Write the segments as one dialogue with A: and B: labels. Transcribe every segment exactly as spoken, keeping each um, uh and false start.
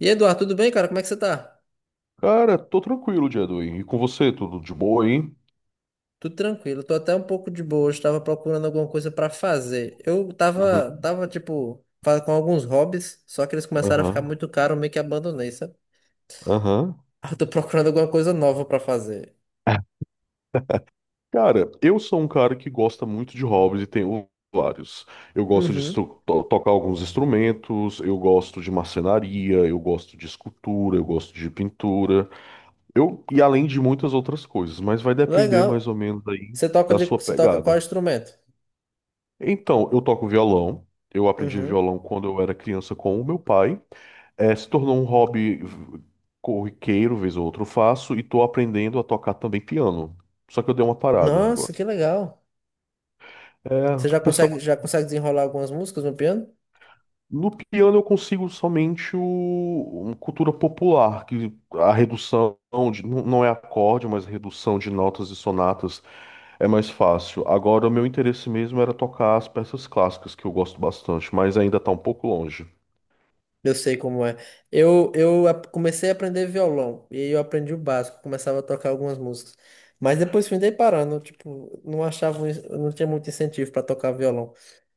A: E Eduardo, tudo bem, cara? Como é que você tá?
B: Cara, tô tranquilo dia do E com você, tudo de boa, hein?
A: Tudo tranquilo, tô até um pouco de boa. Hoje tava procurando alguma coisa pra fazer. Eu tava,
B: Uhum,
A: tava tipo, fa- com alguns hobbies, só que eles começaram a ficar
B: aham,
A: muito caros, eu meio que abandonei, sabe?
B: aham.
A: Eu tô procurando alguma coisa nova pra fazer.
B: Cara, eu sou um cara que gosta muito de hobbies e tenho vários. Eu gosto de
A: Uhum.
B: estru- to- tocar alguns instrumentos, eu gosto de marcenaria, eu gosto de escultura, eu gosto de pintura, eu e além de muitas outras coisas, mas vai depender mais
A: Legal.
B: ou menos aí
A: Você toca
B: da
A: de,
B: sua
A: você toca qual
B: pegada.
A: instrumento?
B: Então, eu toco violão. Eu aprendi
A: Uhum.
B: violão quando eu era criança com o meu pai. É, se tornou um hobby v- corriqueiro, vez ou outra eu faço, e tô aprendendo a tocar também piano. Só que eu dei uma parada agora.
A: Nossa, que legal. Você
B: É,
A: já consegue,
B: pessoal,
A: já consegue desenrolar algumas músicas no piano?
B: no piano eu consigo somente o, uma cultura popular, que a redução de, não não é acorde, mas redução de notas e sonatas é mais fácil. Agora, o meu interesse mesmo era tocar as peças clássicas, que eu gosto bastante, mas ainda tá um pouco longe.
A: Eu sei como é. Eu, eu a- comecei a aprender violão e aí eu aprendi o básico, começava a tocar algumas músicas. Mas depois fui dei parando, tipo, não achava, um ins- não tinha muito incentivo para tocar violão.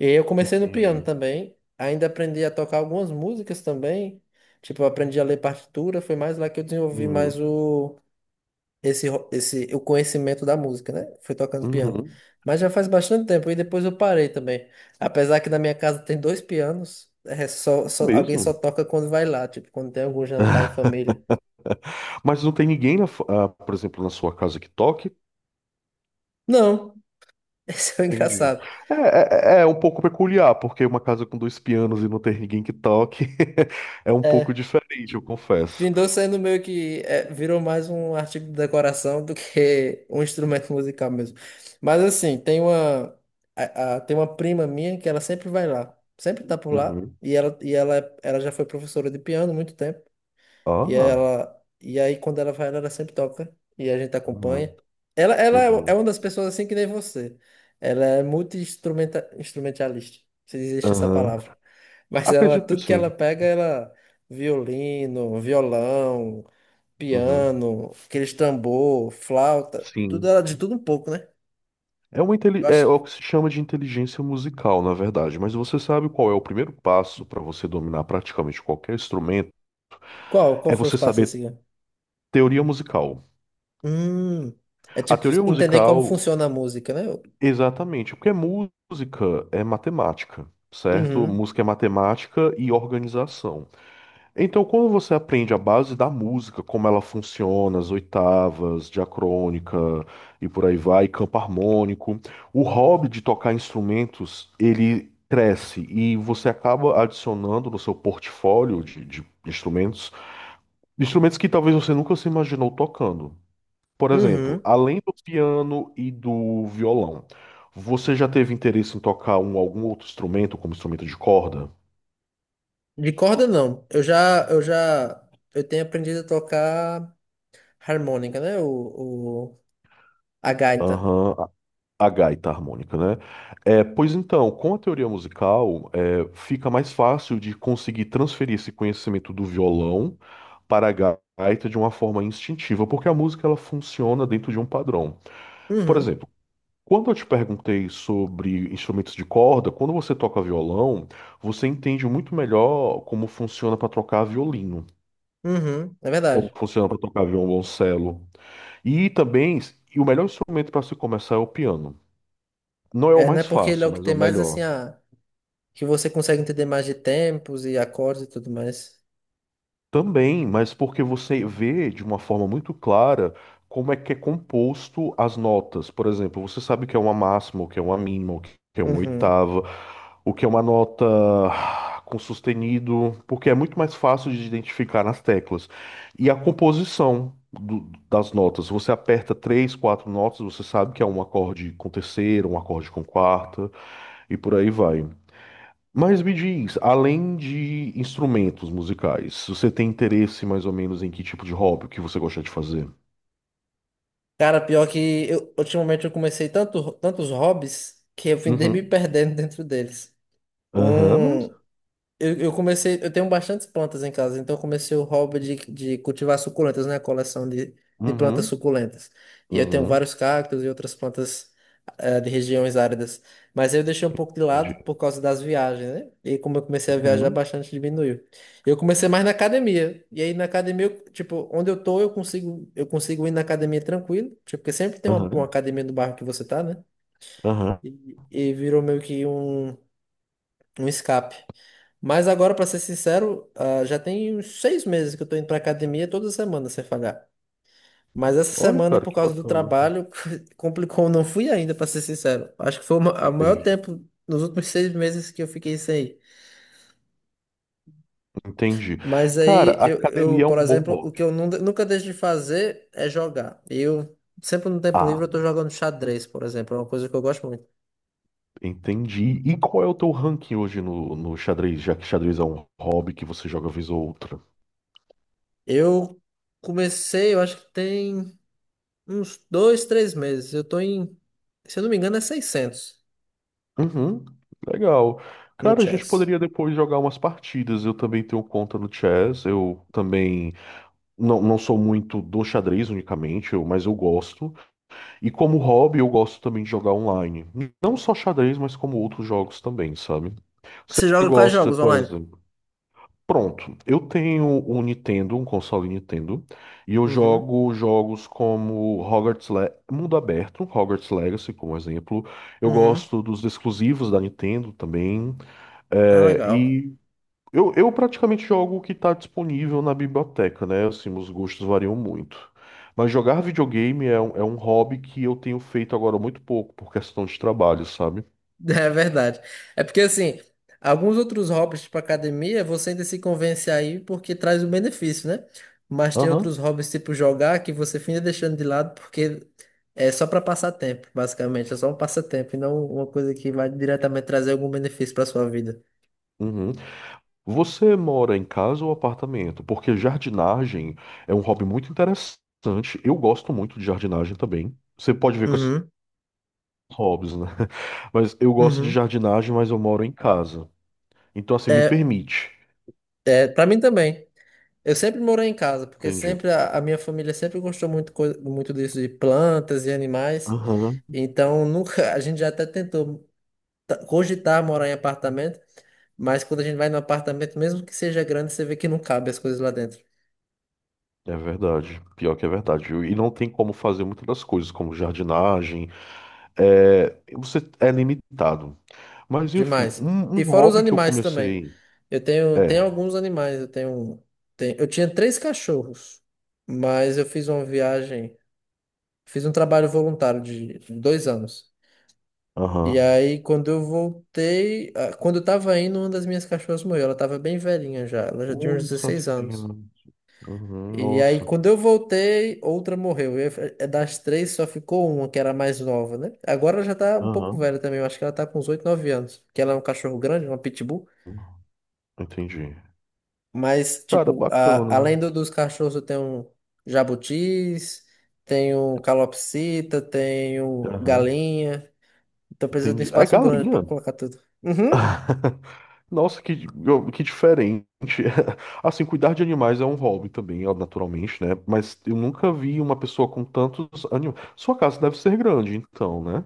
A: E aí eu comecei no piano
B: Entendi.
A: também, ainda aprendi a tocar algumas músicas também. Tipo, eu aprendi a ler partitura, foi mais lá que eu desenvolvi mais
B: Uhum.
A: esse, ro- esse, o conhecimento da música, né? Fui tocando piano.
B: Uhum.
A: Mas já faz bastante tempo e depois eu parei também. Apesar que na minha casa tem dois pianos, é só, só- alguém só
B: Mesmo.
A: toca quando vai lá, tipo, quando tem algum jantar em família.
B: Mas não tem ninguém, na fa- ah, por exemplo, na sua casa que toque?
A: Não, esse é o
B: Entendi.
A: engraçado.
B: É, é, é é um pouco peculiar, porque uma casa com dois pianos e não ter ninguém que toque é um pouco
A: É,
B: diferente, eu confesso.
A: findou sendo meio que é, virou mais um artigo de decoração do que um instrumento musical mesmo. Mas assim, tem uma, a- a- tem uma prima minha que ela sempre vai lá, sempre tá por lá.
B: Uhum.
A: E ela, e ela, ela já foi professora de piano há muito tempo. E
B: Ah,
A: ela, e aí quando ela vai, ela, ela sempre toca e a gente
B: uhum.
A: acompanha. Ela, ela é é
B: Uhum.
A: uma das pessoas assim que nem você. Ela é multi-instrumentalista, se existe essa
B: Aham.
A: palavra. Mas ela,
B: Acredito que
A: tudo que
B: sim.
A: ela pega, ela violino, violão,
B: Uhum.
A: piano, aqueles tambor, flauta, tudo
B: Sim.
A: ela de tudo um pouco, né?
B: É uma inteli-
A: Eu
B: é
A: acho.
B: é o que se chama de inteligência musical, na verdade. Mas você sabe qual é o primeiro passo para você dominar praticamente qualquer instrumento?
A: Qual, qual
B: É
A: foi os
B: você
A: passos
B: saber
A: assim, ó?
B: teoria musical.
A: Hum, É
B: A
A: tipo
B: teoria
A: entender como
B: musical
A: funciona a música, né?
B: exatamente, porque música é matemática, certo?
A: Uhum,
B: Música é matemática e organização. Então, quando você aprende a base da música, como ela funciona, as oitavas, diacrônica e por aí vai, campo harmônico, o hobby de tocar instrumentos, ele cresce e você acaba adicionando no seu portfólio de, de instrumentos, instrumentos que talvez você nunca se imaginou tocando. Por exemplo,
A: uhum.
B: além do piano e do violão, você já teve interesse em tocar um, algum outro instrumento, como instrumento de corda?
A: De corda não. Eu já, eu já, eu tenho aprendido a tocar harmônica, né? O, o, a gaita.
B: Aham, a a gaita harmônica, né? É, pois então, com a teoria musical, é, fica mais fácil de conseguir transferir esse conhecimento do violão para a gaita de uma forma instintiva, porque a música ela funciona dentro de um padrão. Por
A: Uhum,
B: exemplo, quando eu te perguntei sobre instrumentos de corda, quando você toca violão, você entende muito melhor como funciona para tocar violino,
A: uhum, é
B: como
A: verdade.
B: funciona para tocar violoncelo. E também, e o melhor instrumento para se começar é o piano. Não é o
A: É, né?
B: mais
A: Porque ele é
B: fácil,
A: o que
B: mas é
A: tem
B: o
A: mais assim
B: melhor.
A: a que você consegue entender mais de tempos e acordes e tudo mais.
B: Também, mas porque você vê de uma forma muito clara como é que é composto as notas. Por exemplo, você sabe o que é uma máxima, o que é uma mínima, o que é uma
A: Uhum.
B: oitava, o que é uma nota com sustenido, porque é muito mais fácil de identificar nas teclas. E a composição do- das notas. Você aperta três, quatro notas, você sabe que é um acorde com terceira, um acorde com quarta, e por aí vai. Mas me diz, além de instrumentos musicais, você tem interesse mais ou menos em que tipo de hobby, o que você gosta de fazer?
A: Cara, pior que eu, ultimamente eu comecei tanto, tantos hobbies que eu fui me
B: Uhum.
A: perdendo dentro deles.
B: Aham, mas.
A: Um, Eu, eu comecei, eu tenho bastantes plantas em casa, então eu comecei o hobby de, de cultivar suculentas, né? A coleção de, de plantas
B: Uhum.
A: suculentas. E eu tenho
B: Uhum.
A: vários cactos e outras plantas eh, de regiões áridas. Mas eu deixei um pouco de lado por
B: Entendi.
A: causa das viagens, né? E como eu comecei a viajar
B: Uhum.
A: bastante, diminuiu. Eu comecei mais na academia. E aí na academia, eu, tipo, onde eu tô, eu consigo, eu consigo ir na academia tranquilo. Tipo, porque sempre tem uma, uma
B: Aham.
A: academia no bairro que você tá, né?
B: Aham.
A: E, e virou meio que um um escape. Mas agora, pra ser sincero, ah, já tem uns seis meses que eu tô indo pra academia é toda semana sem falhar. Mas essa
B: Olha,
A: semana,
B: cara,
A: por
B: que
A: causa do
B: bacana.
A: trabalho, complicou. Eu não fui ainda, pra ser sincero. Acho que foi o maior
B: Entendi.
A: tempo nos últimos seis meses que eu fiquei sem ir.
B: Entendi.
A: Mas
B: Cara,
A: aí, eu, eu,
B: academia é
A: por
B: um bom
A: exemplo, o que
B: hobby.
A: eu nun- nunca deixo de fazer é jogar. Eu, sempre no tempo
B: Ah,
A: livre, eu tô jogando xadrez, por exemplo. É uma coisa que eu gosto muito.
B: entendi. E qual é o teu ranking hoje no, no xadrez, já que xadrez é um hobby que você joga vez ou outra?
A: Eu comecei, eu acho que tem uns dois, três meses. Eu tô em, se eu não me engano, é seiscentos
B: Uhum, legal.
A: no
B: Cara, a gente
A: chess.
B: poderia depois jogar umas partidas. Eu também tenho conta no chess. Eu também não, não sou muito do xadrez unicamente, eu- mas eu gosto. E como hobby, eu gosto também de jogar online. Não só xadrez, mas como outros jogos também, sabe? Você
A: Você joga quais
B: gosta,
A: jogos
B: por
A: online?
B: exemplo? Pronto, eu tenho um Nintendo, um console Nintendo, e eu
A: Uhum,
B: jogo jogos como Hogwarts Le Mundo Aberto, Hogwarts Legacy, como exemplo. Eu
A: uhum.
B: gosto dos exclusivos da Nintendo também,
A: Ah,
B: é,
A: legal.
B: e eu, eu praticamente jogo o que está disponível na biblioteca, né? Assim, os gostos variam muito. Mas jogar videogame é um, é um hobby que eu tenho feito agora muito pouco, por questão de trabalho, sabe?
A: É verdade. É porque, assim, alguns outros hobbies, tipo academia, você ainda se convence aí porque traz o benefício, né? Mas tem
B: Aham.
A: outros hobbies, tipo jogar, que você fica deixando de lado porque é só para passar tempo, basicamente. É só um passatempo e não uma coisa que vai diretamente trazer algum benefício para sua vida.
B: Uhum. Você mora em casa ou apartamento? Porque jardinagem é um hobby muito interessante. Eu gosto muito de jardinagem também. Você pode ver que eu sou
A: Uhum,
B: hobbies, né? Mas eu gosto de
A: uhum.
B: jardinagem, mas eu moro em casa. Então, assim, me
A: É,
B: permite.
A: é, para mim também. Eu sempre morei em casa, porque
B: Entendi.
A: sempre a, a minha família sempre gostou muito, coi- muito disso de plantas e animais.
B: Aham.
A: Então nunca a gente já até tentou ta- cogitar morar em apartamento, mas quando a gente vai no apartamento, mesmo que seja grande, você vê que não cabe as coisas lá dentro.
B: É verdade. Pior que é verdade. E não tem como fazer muitas das coisas, como jardinagem. É, você é limitado. Mas, enfim,
A: Demais.
B: um,
A: E
B: um
A: fora os
B: hobby que eu
A: animais também.
B: comecei.
A: Eu tenho, tenho
B: É.
A: alguns animais. Eu tenho, tenho, eu tinha três cachorros, mas eu fiz uma viagem, fiz um trabalho voluntário de dois anos. E
B: Aham.
A: aí, quando eu voltei, ah, quando eu tava indo, uma das minhas cachorras morreu. Ela tava bem velhinha já, ela já tinha uns
B: Olha só que
A: dezesseis
B: pena.
A: anos.
B: Uhum,
A: E aí,
B: nossa.
A: quando eu voltei, outra morreu. E aí, é das três, só ficou uma, que era a mais nova, né? Agora ela já tá um pouco
B: Aham,
A: velha também, eu acho que ela tá com uns oito nove anos. Que ela é um cachorro grande, uma pitbull.
B: entendi.
A: Mas,
B: Cara,
A: tipo, a-
B: bacana. Né?
A: além do- dos cachorros, eu tenho jabutis, tenho calopsita, tenho
B: Aham,
A: galinha. Então precisa de um
B: entendi. É
A: espaço grande pra
B: galinha?
A: colocar tudo. Uhum.
B: Nossa, que, que diferente. Assim, cuidar de animais é um hobby também, ó, naturalmente, né? Mas eu nunca vi uma pessoa com tantos animais. Sua casa deve ser grande, então, né?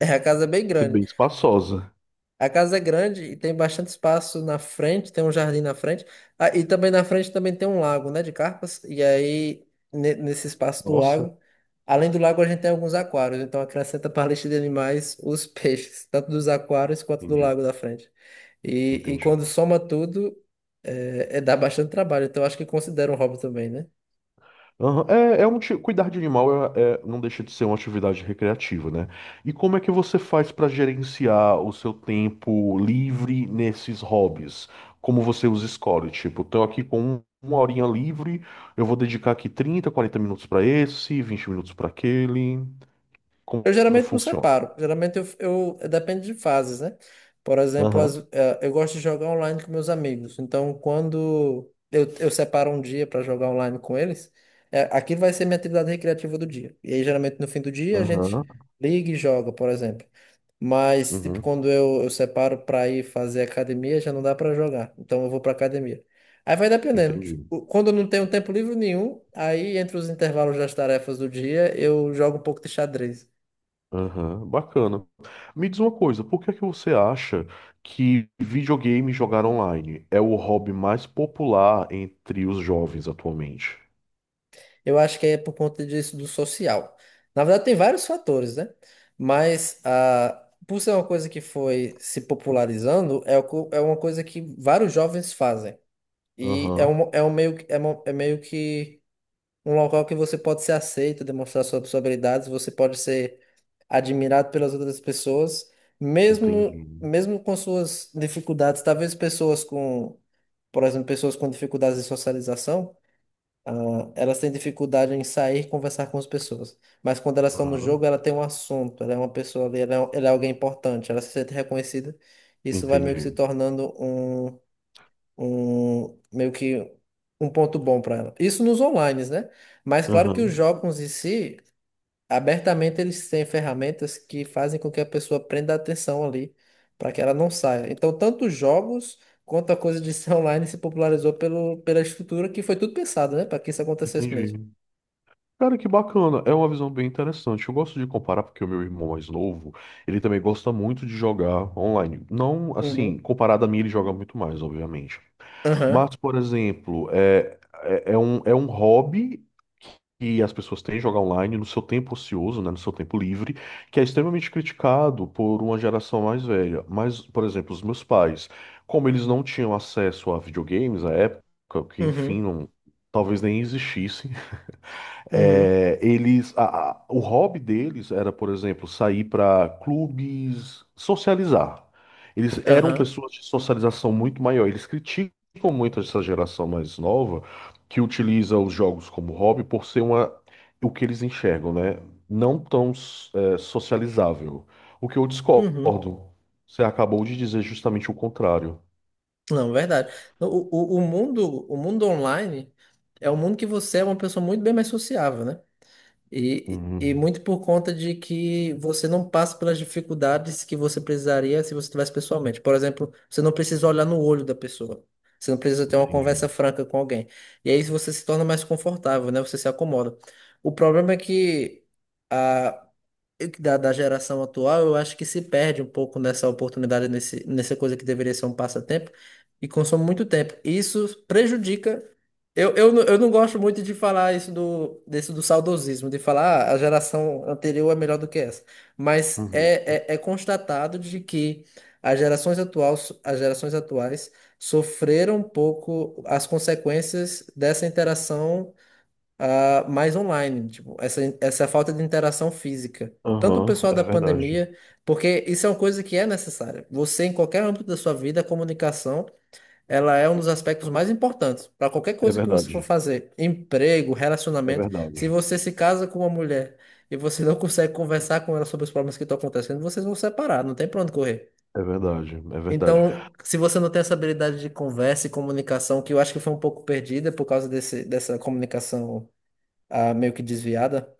A: É, a casa é bem
B: Deve ser
A: grande.
B: bem espaçosa.
A: A casa é grande e tem bastante espaço na frente, tem um jardim na frente. Ah, e também na frente também tem um lago, né, de carpas. E aí, ne- nesse espaço do
B: Nossa,
A: lago, além do lago, a gente tem alguns aquários. Então, acrescenta para a lista de animais os peixes, tanto dos aquários quanto do
B: entendi,
A: lago da frente. E, e
B: entendi.
A: quando soma tudo, é, é dá bastante trabalho, então acho que considera um hobby também, né?
B: Aham, é, é um ti- cuidar de animal é, é- não deixa de ser uma atividade recreativa, né? E como é que você faz para gerenciar o seu tempo livre nesses hobbies? Como você os escolhe? Tipo, tô aqui com um- uma horinha livre, eu vou dedicar aqui trinta, quarenta minutos para esse, vinte minutos para aquele. Como,
A: Eu
B: como
A: geralmente não
B: funciona?
A: separo. Geralmente eu, eu- depende de fases, né? Por exemplo,
B: Aham,
A: as- eh, eu gosto de jogar online com meus amigos. Então, quando eu, eu separo um dia para jogar online com eles, eh, aquilo vai ser minha atividade recreativa do dia. E aí, geralmente, no fim do dia, a gente
B: aham,
A: liga e joga, por exemplo. Mas, tipo,
B: uhum,
A: quando eu, eu separo para ir fazer academia, já não dá para jogar. Então, eu vou para academia. Aí vai dependendo.
B: entendi.
A: O- Quando eu não tenho tempo livre nenhum, aí entre os intervalos das tarefas do dia, eu jogo um pouco de xadrez.
B: Aham, bacana. Me diz uma coisa, por que é que você acha que videogame e jogar online é o hobby mais popular entre os jovens atualmente?
A: Eu acho que é por conta disso do social. Na verdade, tem vários fatores, né? Mas ah, por ser uma coisa que foi se popularizando, é, o co- é uma coisa que vários jovens fazem. E é
B: Aham,
A: um, é um meio, que- é uma- é meio que um local que você pode ser aceito, demonstrar sua- suas habilidades, você pode ser admirado pelas outras pessoas,
B: entendi.
A: mesmo, mesmo com suas dificuldades. Talvez pessoas com, por exemplo, pessoas com dificuldades de socialização. Ah, elas têm dificuldade em sair e conversar com as pessoas. Mas quando elas estão no
B: Aham,
A: jogo, ela tem um assunto, ela é uma pessoa ali, ela é, um, ela é alguém importante, ela se sente reconhecida. Isso vai meio que
B: entendi.
A: se tornando um, um meio que um ponto bom para ela. Isso nos online, né? Mas claro que os
B: Aham,
A: jogos em si, abertamente, eles têm ferramentas que fazem com que a pessoa prenda a atenção ali, para que ela não saia. Então, tanto os jogos quanto a coisa de ser online se popularizou pelo, pela estrutura que foi tudo pensado, né? Para que isso acontecesse mesmo.
B: entendi. Cara, que bacana. É uma visão bem interessante. Eu gosto de comparar porque o meu irmão mais novo, ele também gosta muito de jogar online. Não, assim,
A: Uhum.
B: comparado a mim, ele joga muito mais, obviamente.
A: Aham.
B: Mas, por exemplo, é, é, é um, é um hobby que as pessoas têm jogar online no seu tempo ocioso, né, no seu tempo livre, que é extremamente criticado por uma geração mais velha. Mas, por exemplo, os meus pais, como eles não tinham acesso a videogames à época, que enfim,
A: Uhum.
B: não- talvez nem existisse,
A: Uhum.
B: é, eles, a- a- o hobby deles era, por exemplo, sair para clubes, socializar. Eles eram
A: Aham.
B: pessoas de socialização muito maior. Eles criticam muito essa geração mais nova que utiliza os jogos como hobby por ser uma, o que eles enxergam, né? Não tão, é, socializável. O que eu
A: Uhum.
B: discordo. Você acabou de dizer justamente o contrário.
A: Não, verdade. O, o, o mundo, o mundo online é um mundo que você é uma pessoa muito bem mais sociável, né? E, e
B: Uhum,
A: muito por conta de que você não passa pelas dificuldades que você precisaria se você estivesse pessoalmente. Por exemplo, você não precisa olhar no olho da pessoa. Você não precisa ter uma
B: entendi.
A: conversa franca com alguém. E aí você se torna mais confortável, né? Você se acomoda. O problema é que da, da geração atual, eu acho que se perde um pouco nessa oportunidade, nesse, nessa coisa que deveria ser um passatempo, e consome muito tempo. Isso prejudica. Eu, eu, não- eu não gosto muito de falar isso do, desse do saudosismo, de falar ah, a geração anterior é melhor do que essa. Mas
B: Uhum.
A: é, é, é constatado de que as gerações atuais, as gerações atuais sofreram um pouco as consequências dessa interação ah, mais online, tipo, essa, essa falta de interação física. Tanto o
B: Aham,
A: pessoal
B: é
A: da
B: verdade.
A: pandemia, porque isso é uma coisa que é necessária. Você, em qualquer âmbito da sua vida, a comunicação, ela é um dos aspectos mais importantes para qualquer
B: É
A: coisa que você for
B: verdade.
A: fazer. Emprego,
B: É
A: relacionamento.
B: verdade.
A: Se você se casa com uma mulher e você não consegue conversar com ela sobre os problemas que estão acontecendo, vocês vão separar, não tem pra onde correr.
B: É verdade, é verdade.
A: Então, se você não tem essa habilidade de conversa e comunicação, que eu acho que foi um pouco perdida por causa desse, dessa comunicação a meio que desviada,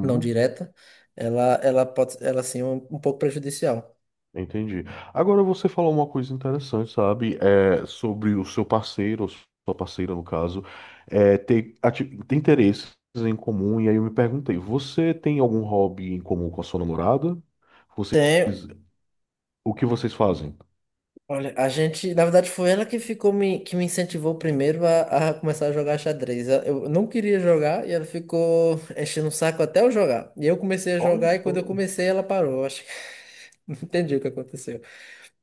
A: não direta, ela, ela pode, ela sim é um, um pouco prejudicial.
B: Entendi. Agora você falou uma coisa interessante, sabe? É sobre o seu parceiro, ou sua parceira, no caso, é, ter, ati- ter interesses em comum. E aí eu me perguntei, você tem algum hobby em comum com a sua namorada? Vocês,
A: Tem,
B: o que vocês fazem?
A: olha, a gente, na verdade, foi ela que ficou me, que me incentivou primeiro a, a começar a jogar xadrez. Eu não queria jogar e ela ficou enchendo o saco até eu jogar. E eu comecei a
B: Olha
A: jogar e quando eu
B: só.
A: comecei ela parou. Eu acho que não entendi o que aconteceu.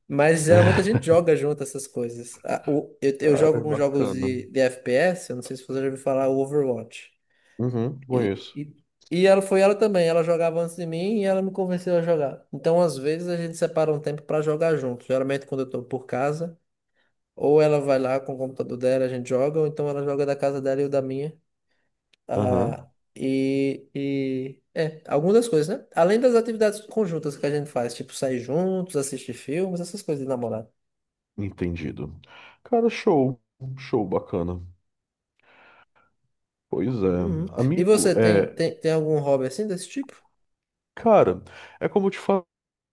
A: Mas geralmente a gente joga junto essas coisas. Ah, o- Eu, eu
B: Cara,
A: jogo
B: é
A: com jogos
B: bacana.
A: de, de F P S, eu não sei se você já ouviu falar, o Overwatch.
B: Uhum,
A: E,
B: conheço.
A: e, e ela foi ela também, ela jogava antes de mim e ela me convenceu a jogar. Então, às vezes, a gente separa um tempo pra jogar junto. Geralmente, quando eu tô por casa, ou ela vai lá com o computador dela, a gente joga, ou então ela joga da casa dela e eu da minha. Ah,
B: Aham,
A: e, e é, algumas das coisas, né? Além das atividades conjuntas que a gente faz, tipo sair juntos, assistir filmes, essas coisas de namorado.
B: entendido. Cara, show. Show, bacana. Pois é.
A: Uhum. E
B: Amigo,
A: você tem,
B: é.
A: tem, tem algum hobby assim desse tipo?
B: Cara, é como eu te falo,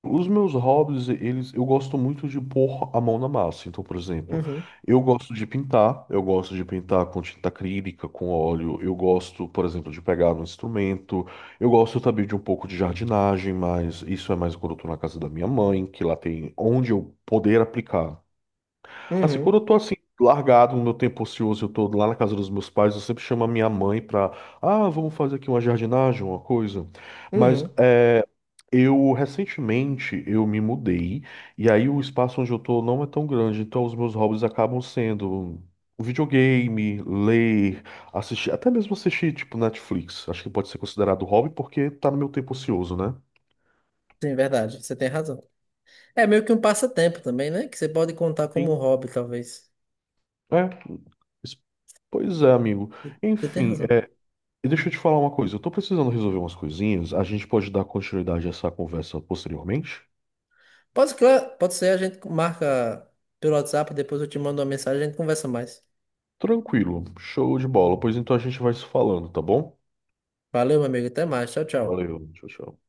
B: os meus hobbies, eles, eu gosto muito de pôr a mão na massa. Então, por exemplo,
A: Uhum.
B: eu gosto de pintar, eu gosto de pintar com tinta acrílica, com óleo, eu gosto, por exemplo, de pegar um instrumento, eu gosto também de um pouco de jardinagem, mas isso é mais quando eu tô na casa da minha mãe, que lá tem onde eu poder aplicar. Assim, quando
A: Uhum.
B: eu tô assim, largado no meu tempo ocioso, eu tô lá na casa dos meus pais, eu sempre chamo a minha mãe pra, ah, vamos fazer aqui uma jardinagem, uma coisa. Mas
A: Uhum.
B: é, eu, recentemente, eu me mudei, e aí o espaço onde eu tô não é tão grande, então os meus hobbies acabam sendo videogame, ler, assistir, até mesmo assistir, tipo, Netflix. Acho que pode ser considerado hobby porque tá no meu tempo ocioso, né?
A: Sim, verdade. Você tem razão. É meio que um passatempo também, né? Que você pode contar como
B: Sim.
A: hobby, talvez.
B: É, pois é, amigo.
A: Você tem
B: Enfim,
A: razão.
B: e deixa eu te falar uma coisa, eu tô precisando resolver umas coisinhas, a gente pode dar continuidade a essa conversa posteriormente?
A: Pode, claro, pode ser, a gente marca pelo WhatsApp, depois eu te mando uma mensagem, a gente conversa mais.
B: Tranquilo, show de bola, pois então a gente vai se falando, tá bom?
A: Valeu, meu amigo. Até mais. Tchau, tchau.
B: Valeu, tchau, tchau.